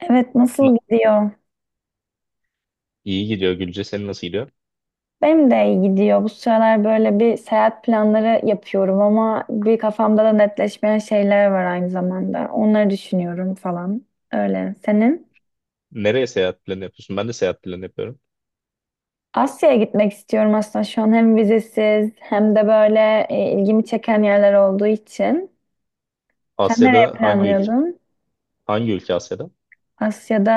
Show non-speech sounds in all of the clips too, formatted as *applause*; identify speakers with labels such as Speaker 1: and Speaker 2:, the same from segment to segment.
Speaker 1: Evet nasıl
Speaker 2: Na-
Speaker 1: gidiyor?
Speaker 2: İyi gidiyor Gülce. Senin nasıl gidiyor?
Speaker 1: Benim de iyi gidiyor. Bu sıralar böyle bir seyahat planları yapıyorum ama bir kafamda da netleşmeyen şeyler var aynı zamanda. Onları düşünüyorum falan. Öyle. Senin?
Speaker 2: Nereye seyahat planı yapıyorsun? Ben de seyahat planı yapıyorum.
Speaker 1: Asya'ya gitmek istiyorum aslında şu an hem vizesiz hem de böyle ilgimi çeken yerler olduğu için. Sen nereye
Speaker 2: Asya'da hangi ülke?
Speaker 1: planlıyordun?
Speaker 2: Hangi ülke Asya'da?
Speaker 1: Asya'da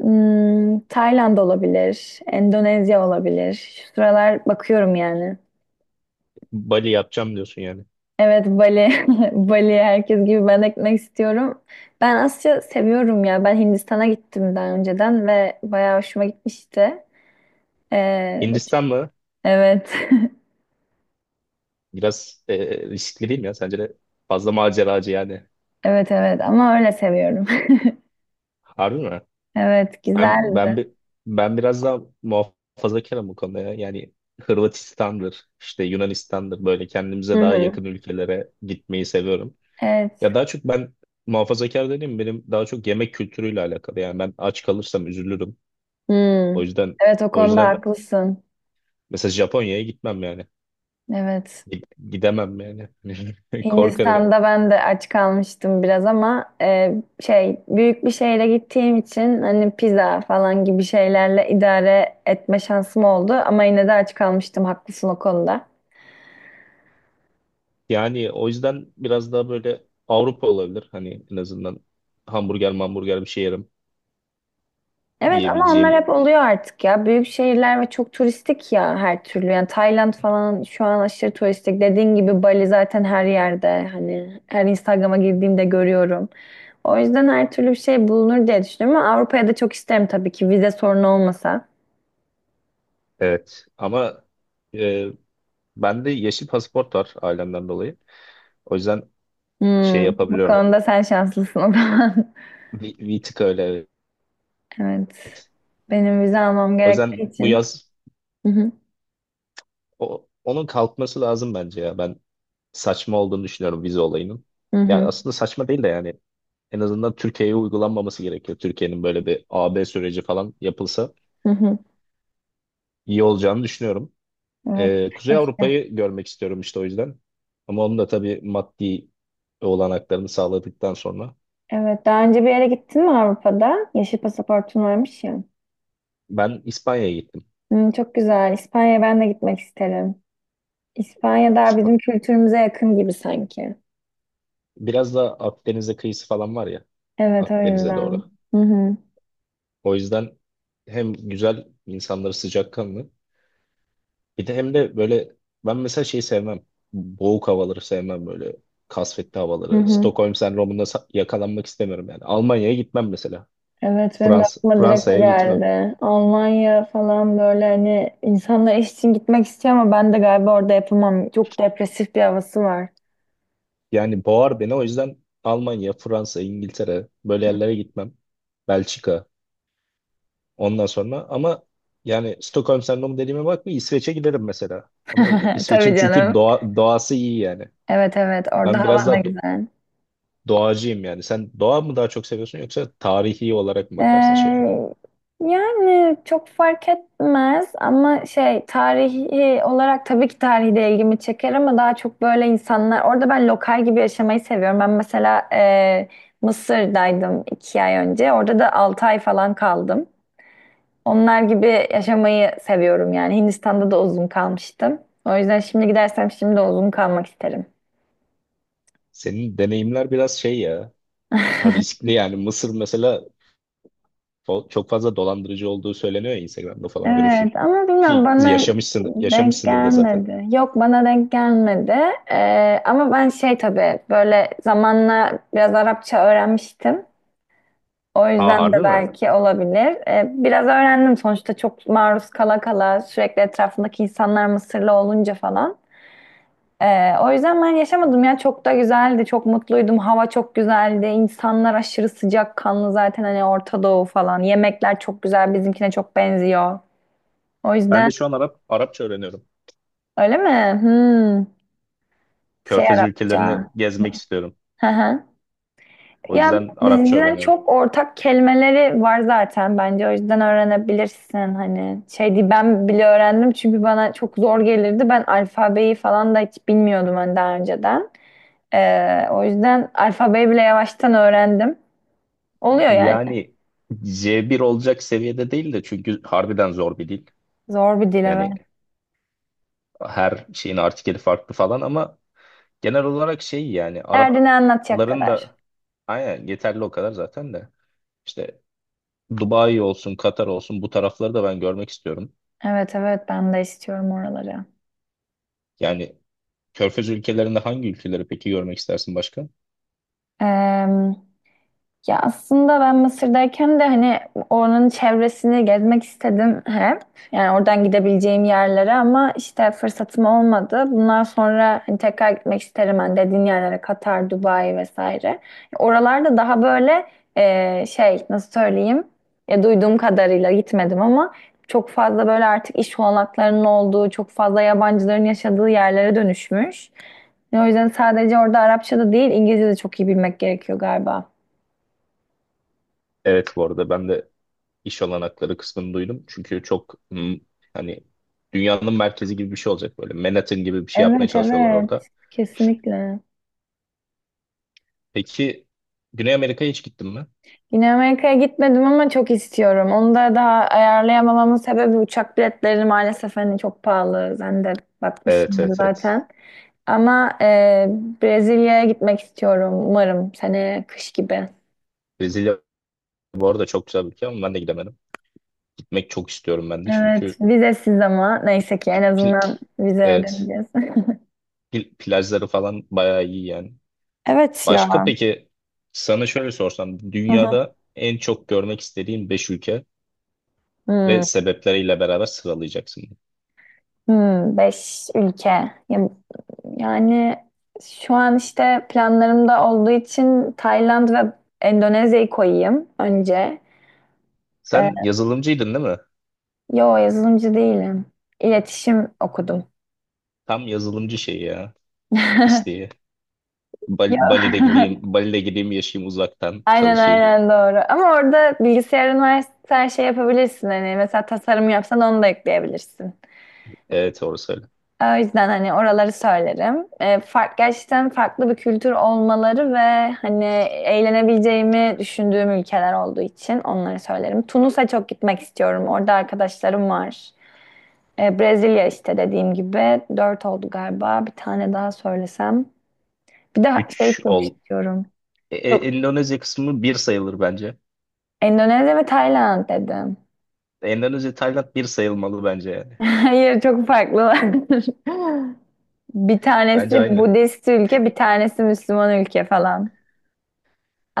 Speaker 1: Tayland olabilir, Endonezya olabilir. Şu sıralar bakıyorum yani.
Speaker 2: Bali yapacağım diyorsun yani.
Speaker 1: Evet Bali, *laughs* Bali herkes gibi ben de gitmek istiyorum. Ben Asya seviyorum ya. Ben Hindistan'a gittim daha önceden ve bayağı hoşuma gitmişti. Ee,
Speaker 2: Hindistan mı?
Speaker 1: evet,
Speaker 2: Biraz riskli değil mi ya? Sence de fazla maceracı yani.
Speaker 1: *laughs* evet evet ama öyle seviyorum. *laughs*
Speaker 2: Harbi mi?
Speaker 1: Evet
Speaker 2: Ben,
Speaker 1: güzeldi.
Speaker 2: ben, bi- Ben biraz daha muhafazakarım bu konuda ya. Yani Hırvatistan'dır, işte Yunanistan'dır böyle
Speaker 1: Hı
Speaker 2: kendimize daha
Speaker 1: hı.
Speaker 2: yakın ülkelere gitmeyi seviyorum.
Speaker 1: Evet.
Speaker 2: Ya daha çok ben muhafazakar dediğim benim daha çok yemek kültürüyle alakalı. Yani ben aç kalırsam üzülürüm. O
Speaker 1: Hmm.
Speaker 2: yüzden
Speaker 1: Evet o
Speaker 2: o
Speaker 1: konuda
Speaker 2: yüzden
Speaker 1: haklısın.
Speaker 2: mesela Japonya'ya gitmem yani.
Speaker 1: Evet.
Speaker 2: Gi- Gidemem yani. *laughs* Korkarım.
Speaker 1: Hindistan'da ben de aç kalmıştım biraz ama şey büyük bir şeyle gittiğim için hani pizza falan gibi şeylerle idare etme şansım oldu ama yine de aç kalmıştım haklısın o konuda.
Speaker 2: Yani o yüzden biraz daha böyle Avrupa olabilir. Hani en azından hamburger hamburger bir şey yerim.
Speaker 1: Evet ama onlar
Speaker 2: Yiyebileceğim.
Speaker 1: hep oluyor artık ya büyük şehirler ve çok turistik ya her türlü yani Tayland falan şu an aşırı turistik dediğin gibi Bali zaten her yerde hani her Instagram'a girdiğimde görüyorum. O yüzden her türlü bir şey bulunur diye düşünüyorum ama Avrupa'ya da çok isterim tabii ki vize sorunu olmasa.
Speaker 2: Evet. Ama e, bende yeşil pasaport var ailemden dolayı. O yüzden şey
Speaker 1: Hmm, bu
Speaker 2: yapabiliyorum.
Speaker 1: konuda sen şanslısın o zaman. *laughs*
Speaker 2: Bir tık öyle.
Speaker 1: Evet. Benim vize almam
Speaker 2: O
Speaker 1: gerektiği
Speaker 2: yüzden bu
Speaker 1: için.
Speaker 2: yaz
Speaker 1: Hı hı,
Speaker 2: onun kalkması lazım bence ya. Ben saçma olduğunu düşünüyorum vize olayının.
Speaker 1: hı
Speaker 2: Yani
Speaker 1: hı,
Speaker 2: aslında saçma değil de yani en azından Türkiye'ye uygulanmaması gerekiyor. Türkiye'nin böyle bir A-B süreci falan yapılsa
Speaker 1: hı hı.
Speaker 2: iyi olacağını düşünüyorum.
Speaker 1: Evet,
Speaker 2: Kuzey
Speaker 1: keşke.
Speaker 2: Avrupa'yı görmek istiyorum işte o yüzden. Ama onun da tabii maddi olanaklarını sağladıktan sonra
Speaker 1: Evet, daha önce bir yere gittin mi Avrupa'da? Yeşil pasaportun varmış ya.
Speaker 2: ben İspanya'ya gittim.
Speaker 1: Çok güzel. İspanya'ya ben de gitmek isterim. İspanya daha
Speaker 2: İspa-
Speaker 1: bizim kültürümüze yakın gibi sanki.
Speaker 2: Biraz da Akdeniz'e kıyısı falan var ya,
Speaker 1: Evet, o
Speaker 2: Akdeniz'e
Speaker 1: yüzden.
Speaker 2: doğru.
Speaker 1: Hı hı,
Speaker 2: O yüzden hem güzel insanları sıcakkanlı. Bir de hem de böyle ben mesela şeyi sevmem. Boğuk havaları sevmem böyle. Kasvetli
Speaker 1: hı
Speaker 2: havaları.
Speaker 1: hı.
Speaker 2: Stockholm sendromunda yakalanmak istemiyorum yani. Almanya'ya gitmem mesela.
Speaker 1: Evet benim de
Speaker 2: Fransa
Speaker 1: aklıma direkt o
Speaker 2: Fransa'ya gitmem.
Speaker 1: geldi. Almanya falan böyle hani insanlar iş için gitmek istiyor ama ben de galiba orada yapamam. Çok depresif bir havası var.
Speaker 2: Yani boğar beni o yüzden Almanya, Fransa, İngiltere böyle yerlere gitmem. Belçika ondan sonra ama yani Stockholm sendromu dediğime bakma, İsveç'e giderim mesela. Ama
Speaker 1: *laughs* Tabii
Speaker 2: İsveç'in çünkü
Speaker 1: canım.
Speaker 2: doğası iyi yani.
Speaker 1: Evet evet orada
Speaker 2: Ben biraz
Speaker 1: hava
Speaker 2: daha
Speaker 1: da güzel.
Speaker 2: doğacıyım yani. Sen doğa mı daha çok seviyorsun yoksa tarihi olarak mı bakarsın şehre?
Speaker 1: Ee, yani çok fark etmez ama şey tarihi olarak tabii ki tarihi de ilgimi çeker ama daha çok böyle insanlar orada ben lokal gibi yaşamayı seviyorum. Ben mesela Mısır'daydım 2 ay önce. Orada da 6 ay falan kaldım. Onlar gibi yaşamayı seviyorum yani. Hindistan'da da uzun kalmıştım. O yüzden şimdi gidersem şimdi de uzun kalmak isterim.
Speaker 2: Senin deneyimler biraz şey ya. Ha, Riskli yani. Mısır mesela çok fazla dolandırıcı olduğu söyleniyor ya, Instagram'da falan görürsün.
Speaker 1: Evet ama bilmiyorum
Speaker 2: Ki
Speaker 1: bana
Speaker 2: yaşamışsın,
Speaker 1: denk
Speaker 2: yaşamışsındır da zaten.
Speaker 1: gelmedi. Yok bana denk gelmedi. Ama ben şey tabii böyle zamanla biraz Arapça öğrenmiştim. O
Speaker 2: Aa,
Speaker 1: yüzden de
Speaker 2: harbi mi?
Speaker 1: belki olabilir. Biraz öğrendim sonuçta çok maruz kala kala sürekli etrafındaki insanlar Mısırlı olunca falan. O yüzden ben yaşamadım ya çok da güzeldi çok mutluydum hava çok güzeldi insanlar aşırı sıcakkanlı zaten hani Orta Doğu falan yemekler çok güzel bizimkine çok benziyor o
Speaker 2: Ben
Speaker 1: yüzden.
Speaker 2: de şu an Arapça öğreniyorum.
Speaker 1: Öyle mi? Hmm. Şey
Speaker 2: Körfez ülkelerini
Speaker 1: Arapça.
Speaker 2: gezmek istiyorum.
Speaker 1: Hı hı.
Speaker 2: O
Speaker 1: Ya
Speaker 2: yüzden Arapça
Speaker 1: bizden
Speaker 2: öğreniyorum.
Speaker 1: çok ortak kelimeleri var zaten bence o yüzden öğrenebilirsin hani. Şey değil, ben bile öğrendim çünkü bana çok zor gelirdi. Ben alfabeyi falan da hiç bilmiyordum hani daha önceden. O yüzden alfabeyi bile yavaştan öğrendim. Oluyor yani.
Speaker 2: Yani C1 olacak seviyede değil de çünkü harbiden zor bir dil.
Speaker 1: Zor bir dil evet.
Speaker 2: Yani her şeyin artikeli farklı falan ama genel olarak şey yani
Speaker 1: Derdini anlatacak
Speaker 2: Arapların
Speaker 1: kadar.
Speaker 2: da aynen yeterli o kadar zaten de. İşte Dubai olsun, Katar olsun bu tarafları da ben görmek istiyorum.
Speaker 1: Evet evet ben de istiyorum oraları.
Speaker 2: Yani Körfez ülkelerinde hangi ülkeleri peki görmek istersin başka?
Speaker 1: Ee, Ya aslında ben Mısır'dayken de hani oranın çevresini gezmek istedim hep. Yani oradan gidebileceğim yerlere ama işte fırsatım olmadı. Bundan sonra hani tekrar gitmek isterim hani dediğin yerlere Katar, Dubai vesaire. Oralarda daha böyle şey nasıl söyleyeyim ya duyduğum kadarıyla gitmedim ama çok fazla böyle artık iş olanaklarının olduğu, çok fazla yabancıların yaşadığı yerlere dönüşmüş. O yüzden sadece orada Arapça da değil İngilizce de çok iyi bilmek gerekiyor galiba.
Speaker 2: Evet bu arada ben de iş olanakları kısmını duydum. Çünkü çok hani dünyanın merkezi gibi bir şey olacak böyle. Manhattan gibi bir şey yapmaya
Speaker 1: Evet
Speaker 2: çalışıyorlar
Speaker 1: evet
Speaker 2: orada.
Speaker 1: kesinlikle.
Speaker 2: Peki Güney Amerika'ya hiç gittin mi?
Speaker 1: Yine Amerika'ya gitmedim ama çok istiyorum. Onu da daha ayarlayamamamın sebebi uçak biletleri maalesef hani çok pahalı. Sen de
Speaker 2: Evet,
Speaker 1: bakmışsındır
Speaker 2: evet, evet.
Speaker 1: zaten. Ama Brezilya'ya gitmek istiyorum umarım sene kış gibi.
Speaker 2: Brezilya bu arada çok güzel bir ülke ama ben de gidemedim. Gitmek çok istiyorum ben de
Speaker 1: Evet
Speaker 2: çünkü
Speaker 1: vizesiz ama neyse ki en
Speaker 2: pil-
Speaker 1: azından vize
Speaker 2: evet,
Speaker 1: ödemeyeceğiz. *laughs*
Speaker 2: plajları falan bayağı iyi yani.
Speaker 1: Evet
Speaker 2: Başka
Speaker 1: ya.
Speaker 2: peki, sana şöyle sorsam
Speaker 1: Hı hı.
Speaker 2: dünyada en çok görmek istediğin 5 ülke ve
Speaker 1: Hmm.
Speaker 2: sebepleriyle beraber sıralayacaksın.
Speaker 1: Beş ülke. Ya- Yani şu an işte planlarımda olduğu için Tayland ve Endonezya'yı koyayım önce. Ee,
Speaker 2: Sen yazılımcıydın değil mi?
Speaker 1: yo yazılımcı değilim. İletişim okudum.
Speaker 2: Tam yazılımcı şeyi ya,
Speaker 1: *laughs*
Speaker 2: isteği.
Speaker 1: Yo.
Speaker 2: Bali'de gideyim,
Speaker 1: *laughs*
Speaker 2: Bali'de gideyim, yaşayayım, uzaktan
Speaker 1: Aynen
Speaker 2: çalışayım.
Speaker 1: aynen doğru. Ama orada bilgisayarın varsa her şey yapabilirsin. Hani mesela tasarım yapsan onu da ekleyebilirsin.
Speaker 2: Evet orası öyle.
Speaker 1: O yüzden hani oraları söylerim. Gerçekten farklı bir kültür olmaları ve hani eğlenebileceğimi düşündüğüm ülkeler olduğu için onları söylerim. Tunus'a çok gitmek istiyorum. Orada arkadaşlarım var. Brezilya işte dediğim gibi. Dört oldu galiba. Bir tane daha söylesem. Bir de şey
Speaker 2: Üç
Speaker 1: çok
Speaker 2: ol.
Speaker 1: istiyorum. Yok.
Speaker 2: Endonezya kısmı bir sayılır bence.
Speaker 1: Endonezya ve Tayland dedim.
Speaker 2: Endonezya, Tayland bir sayılmalı bence yani.
Speaker 1: *laughs* Hayır çok farklılar. *laughs* Bir
Speaker 2: Bence
Speaker 1: tanesi
Speaker 2: aynı.
Speaker 1: Budist ülke, bir tanesi Müslüman ülke falan.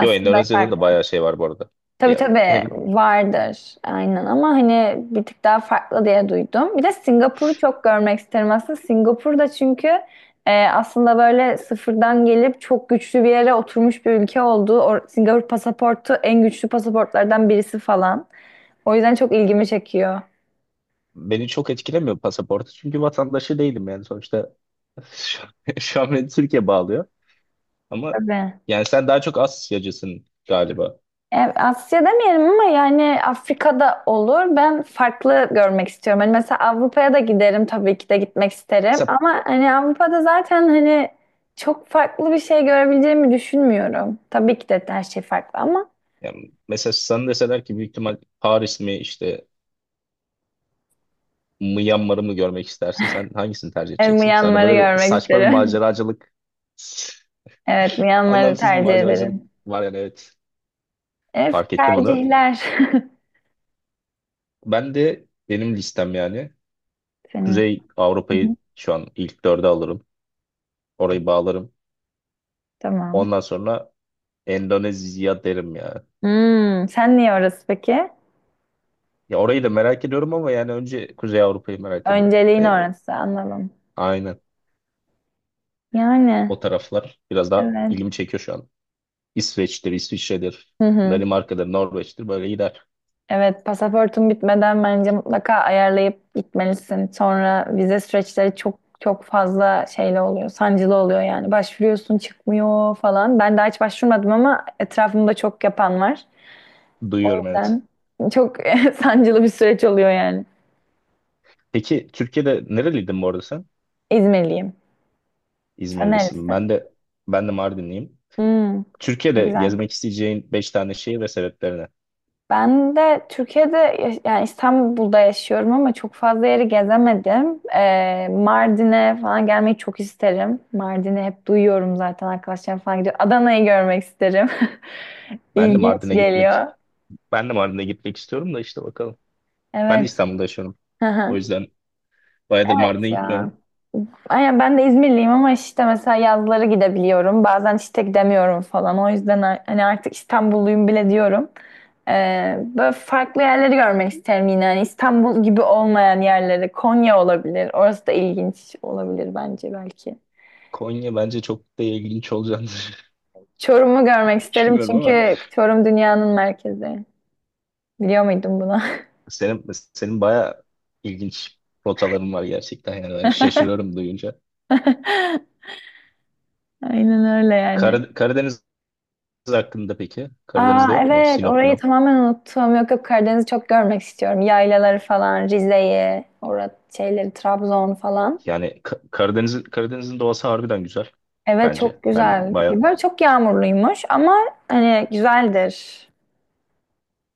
Speaker 2: Yo, Endonezya'da da
Speaker 1: farklı.
Speaker 2: bayağı şey var bu arada.
Speaker 1: Tabii
Speaker 2: Ya,
Speaker 1: tabii
Speaker 2: hem
Speaker 1: vardır aynen ama hani bir tık daha farklı diye duydum. Bir de Singapur'u çok görmek isterim aslında. Singapur'da çünkü aslında böyle sıfırdan gelip çok güçlü bir yere oturmuş bir ülke olduğu. O, Singapur pasaportu en güçlü pasaportlardan birisi falan. O yüzden çok ilgimi çekiyor.
Speaker 2: beni çok etkilemiyor pasaportu çünkü vatandaşı değilim yani sonuçta. *laughs* şu, Şu an beni Türkiye bağlıyor ama
Speaker 1: Tabii.
Speaker 2: yani sen daha çok Asyacısın galiba.
Speaker 1: Asya demeyelim ama yani Afrika'da olur. Ben farklı görmek istiyorum. Hani mesela Avrupa'ya da giderim tabii ki de gitmek isterim.
Speaker 2: Mesela,
Speaker 1: Ama hani Avrupa'da zaten hani çok farklı bir şey görebileceğimi düşünmüyorum. Tabii ki de her şey farklı ama
Speaker 2: yani mesela sana deseler ki büyük ihtimal Paris mi işte Myanmar'ı mı görmek istersin, sen hangisini tercih
Speaker 1: yani
Speaker 2: edeceksin? Sen de
Speaker 1: Myanmar'ı
Speaker 2: böyle bir
Speaker 1: görmek
Speaker 2: saçma bir
Speaker 1: isterim.
Speaker 2: maceracılık,
Speaker 1: *laughs*
Speaker 2: *laughs*
Speaker 1: Evet, Myanmar'ı
Speaker 2: anlamsız bir
Speaker 1: tercih
Speaker 2: maceracılık
Speaker 1: ederim.
Speaker 2: var yani, evet,
Speaker 1: Evet,
Speaker 2: fark ettim onu.
Speaker 1: tercihler.
Speaker 2: Ben de benim listem yani
Speaker 1: *laughs* Senin.
Speaker 2: Kuzey
Speaker 1: Hı hı.
Speaker 2: Avrupa'yı şu an ilk dörde alırım, orayı bağlarım.
Speaker 1: Tamam.
Speaker 2: Ondan sonra Endonezya derim ya.
Speaker 1: Sen niye orası peki?
Speaker 2: Ya orayı da merak ediyorum ama yani önce Kuzey Avrupa'yı merak ediyorum.
Speaker 1: Önceliğin orası anladım.
Speaker 2: Aynen.
Speaker 1: Yani
Speaker 2: O taraflar biraz daha
Speaker 1: evet.
Speaker 2: ilgimi çekiyor şu an. İsveç'tir, İsviçre'dir,
Speaker 1: Hı hı.
Speaker 2: Danimarka'dır, Norveç'tir, böyle gider.
Speaker 1: Evet, pasaportun bitmeden bence mutlaka ayarlayıp gitmelisin. Sonra vize süreçleri çok çok fazla şeyle oluyor, sancılı oluyor yani. Başvuruyorsun, çıkmıyor falan. Ben daha hiç başvurmadım ama etrafımda çok yapan var. O
Speaker 2: Duyuyorum, evet.
Speaker 1: yüzden çok *laughs* sancılı bir süreç oluyor yani.
Speaker 2: Peki Türkiye'de nereliydin bu arada sen?
Speaker 1: İzmirliyim. Sen
Speaker 2: İzmirlisin. Ben
Speaker 1: nerelisin?
Speaker 2: de, ben de Mardinliyim.
Speaker 1: Hmm,
Speaker 2: Türkiye'de
Speaker 1: güzel.
Speaker 2: gezmek isteyeceğin 5 tane şehir ve sebeplerine.
Speaker 1: Ben de Türkiye'de yani İstanbul'da yaşıyorum ama çok fazla yeri gezemedim. Mardin'e falan gelmeyi çok isterim. Mardin'i hep duyuyorum zaten arkadaşlarım falan gidiyor. Adana'yı görmek isterim. *laughs*
Speaker 2: Ben de
Speaker 1: İlginç
Speaker 2: Mardin'e gitmek
Speaker 1: geliyor.
Speaker 2: Ben de Mardin'e gitmek istiyorum da işte bakalım. Ben de
Speaker 1: Evet.
Speaker 2: İstanbul'da yaşıyorum.
Speaker 1: Hı
Speaker 2: O
Speaker 1: hı.
Speaker 2: yüzden bayağıdır Mardin'e
Speaker 1: Ya.
Speaker 2: gitmiyorum.
Speaker 1: Aynen ben de İzmirliyim ama işte mesela yazları gidebiliyorum. Bazen işte gidemiyorum falan. O yüzden hani artık İstanbulluyum bile diyorum. Böyle farklı yerleri görmek isterim yine. Hani İstanbul gibi olmayan yerleri. Konya olabilir. Orası da ilginç olabilir bence belki.
Speaker 2: Konya bence çok da ilginç olacağını
Speaker 1: Çorum'u görmek
Speaker 2: *laughs*
Speaker 1: isterim
Speaker 2: düşünmüyorum ama
Speaker 1: çünkü Çorum dünyanın merkezi. Biliyor muydun bunu?
Speaker 2: senin senin bayağı ilginç rotaların var gerçekten yani, ben şaşırıyorum duyunca.
Speaker 1: *laughs* Aynen öyle yani.
Speaker 2: Karadeniz hakkında peki?
Speaker 1: Aa
Speaker 2: Karadeniz'de yok mu?
Speaker 1: evet
Speaker 2: Sinop,
Speaker 1: orayı
Speaker 2: Minop.
Speaker 1: tamamen unuttum. Yok yok Karadeniz'i çok görmek istiyorum. Yaylaları falan, Rize'yi, orada şeyleri, Trabzon falan.
Speaker 2: Yani Karadeniz, Karadeniz'in doğası harbiden güzel
Speaker 1: Evet
Speaker 2: bence.
Speaker 1: çok güzel. Böyle çok yağmurluymuş ama hani güzeldir.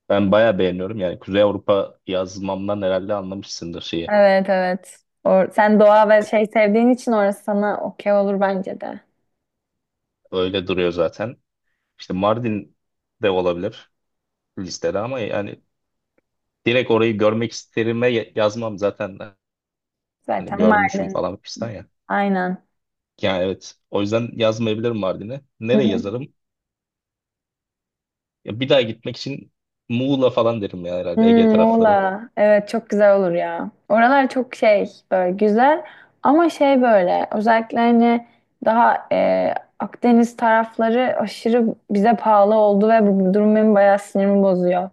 Speaker 2: Ben bayağı beğeniyorum. Yani Kuzey Avrupa yazmamdan herhalde anlamışsındır şeyi.
Speaker 1: Evet evet. Or sen doğa ve şey sevdiğin için orası sana okey olur bence de.
Speaker 2: Öyle duruyor zaten. İşte Mardin de olabilir listede ama yani direkt orayı görmek isterime yazmam zaten. Hani
Speaker 1: Zaten
Speaker 2: görmüşüm
Speaker 1: Mardin.
Speaker 2: falan fistan ya.
Speaker 1: Aynen.
Speaker 2: Yani evet. O yüzden yazmayabilirim Mardin'e. Nereye
Speaker 1: *laughs*
Speaker 2: yazarım? Ya bir daha gitmek için Muğla falan derim ya
Speaker 1: Hmm,
Speaker 2: herhalde, Ege tarafları.
Speaker 1: Muğla. Evet çok güzel olur ya. Oralar çok şey böyle güzel ama şey böyle özellikle hani daha Akdeniz tarafları aşırı bize pahalı oldu ve bu durum benim bayağı sinirimi bozuyor.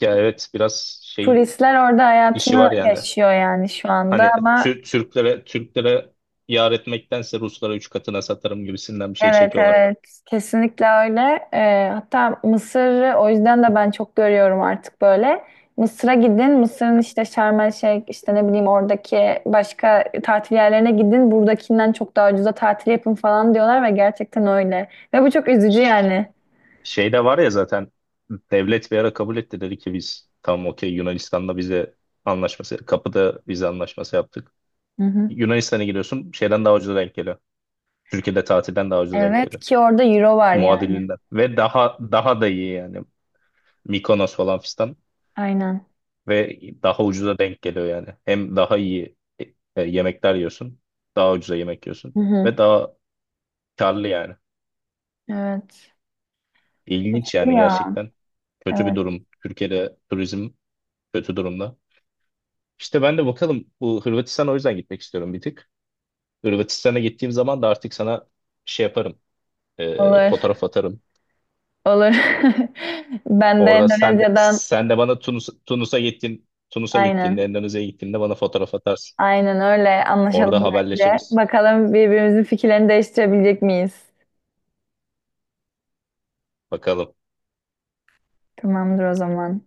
Speaker 2: Ya evet, biraz şey
Speaker 1: Turistler orada
Speaker 2: işi
Speaker 1: hayatını
Speaker 2: var yani.
Speaker 1: yaşıyor yani şu anda
Speaker 2: Hani
Speaker 1: ama.
Speaker 2: Türklere yar etmektense Ruslara 3 katına satarım gibisinden bir şey
Speaker 1: Evet
Speaker 2: çekiyorlar.
Speaker 1: evet kesinlikle öyle. Hatta Mısır'ı o yüzden de ben çok görüyorum artık böyle. Mısır'a gidin, Mısır'ın işte Şarm El Şeyh, işte ne bileyim oradaki başka tatil yerlerine gidin, buradakinden çok daha ucuza tatil yapın falan diyorlar ve gerçekten öyle. Ve bu çok üzücü yani.
Speaker 2: Şey de var ya zaten, devlet bir ara kabul etti, dedi ki biz tamam okey Yunanistan'la vize anlaşması, kapıda vize anlaşması yaptık.
Speaker 1: Hı hı.
Speaker 2: Yunanistan'a giriyorsun, şeyden daha ucuza denk geliyor. Türkiye'de tatilden daha ucuz denk
Speaker 1: Evet
Speaker 2: geliyor.
Speaker 1: ki orada euro var yani.
Speaker 2: Muadilinden. Ve daha da iyi yani. Mikonos falan fistan.
Speaker 1: Aynen.
Speaker 2: Ve daha ucuza denk geliyor yani. Hem daha iyi yemekler yiyorsun. Daha ucuza yemek yiyorsun.
Speaker 1: Hı hı.
Speaker 2: Ve daha karlı yani.
Speaker 1: Evet.
Speaker 2: İlginç yani
Speaker 1: Ya
Speaker 2: gerçekten. Kötü bir
Speaker 1: evet
Speaker 2: durum. Türkiye'de turizm kötü durumda. İşte ben de bakalım, bu Hırvatistan'a o yüzden gitmek istiyorum bir tık. Hırvatistan'a gittiğim zaman da artık sana şey yaparım,
Speaker 1: olur
Speaker 2: fotoğraf atarım.
Speaker 1: olur. *laughs* Ben de
Speaker 2: Orada
Speaker 1: Endonezya'dan
Speaker 2: sen de bana Tunus'a
Speaker 1: aynen.
Speaker 2: gittiğinde, Endonezya'ya gittiğinde bana fotoğraf atarsın.
Speaker 1: Aynen öyle. Anlaşalım
Speaker 2: Orada
Speaker 1: bence.
Speaker 2: haberleşiriz.
Speaker 1: Bakalım birbirimizin fikirlerini değiştirebilecek miyiz?
Speaker 2: Bakalım.
Speaker 1: Tamamdır o zaman.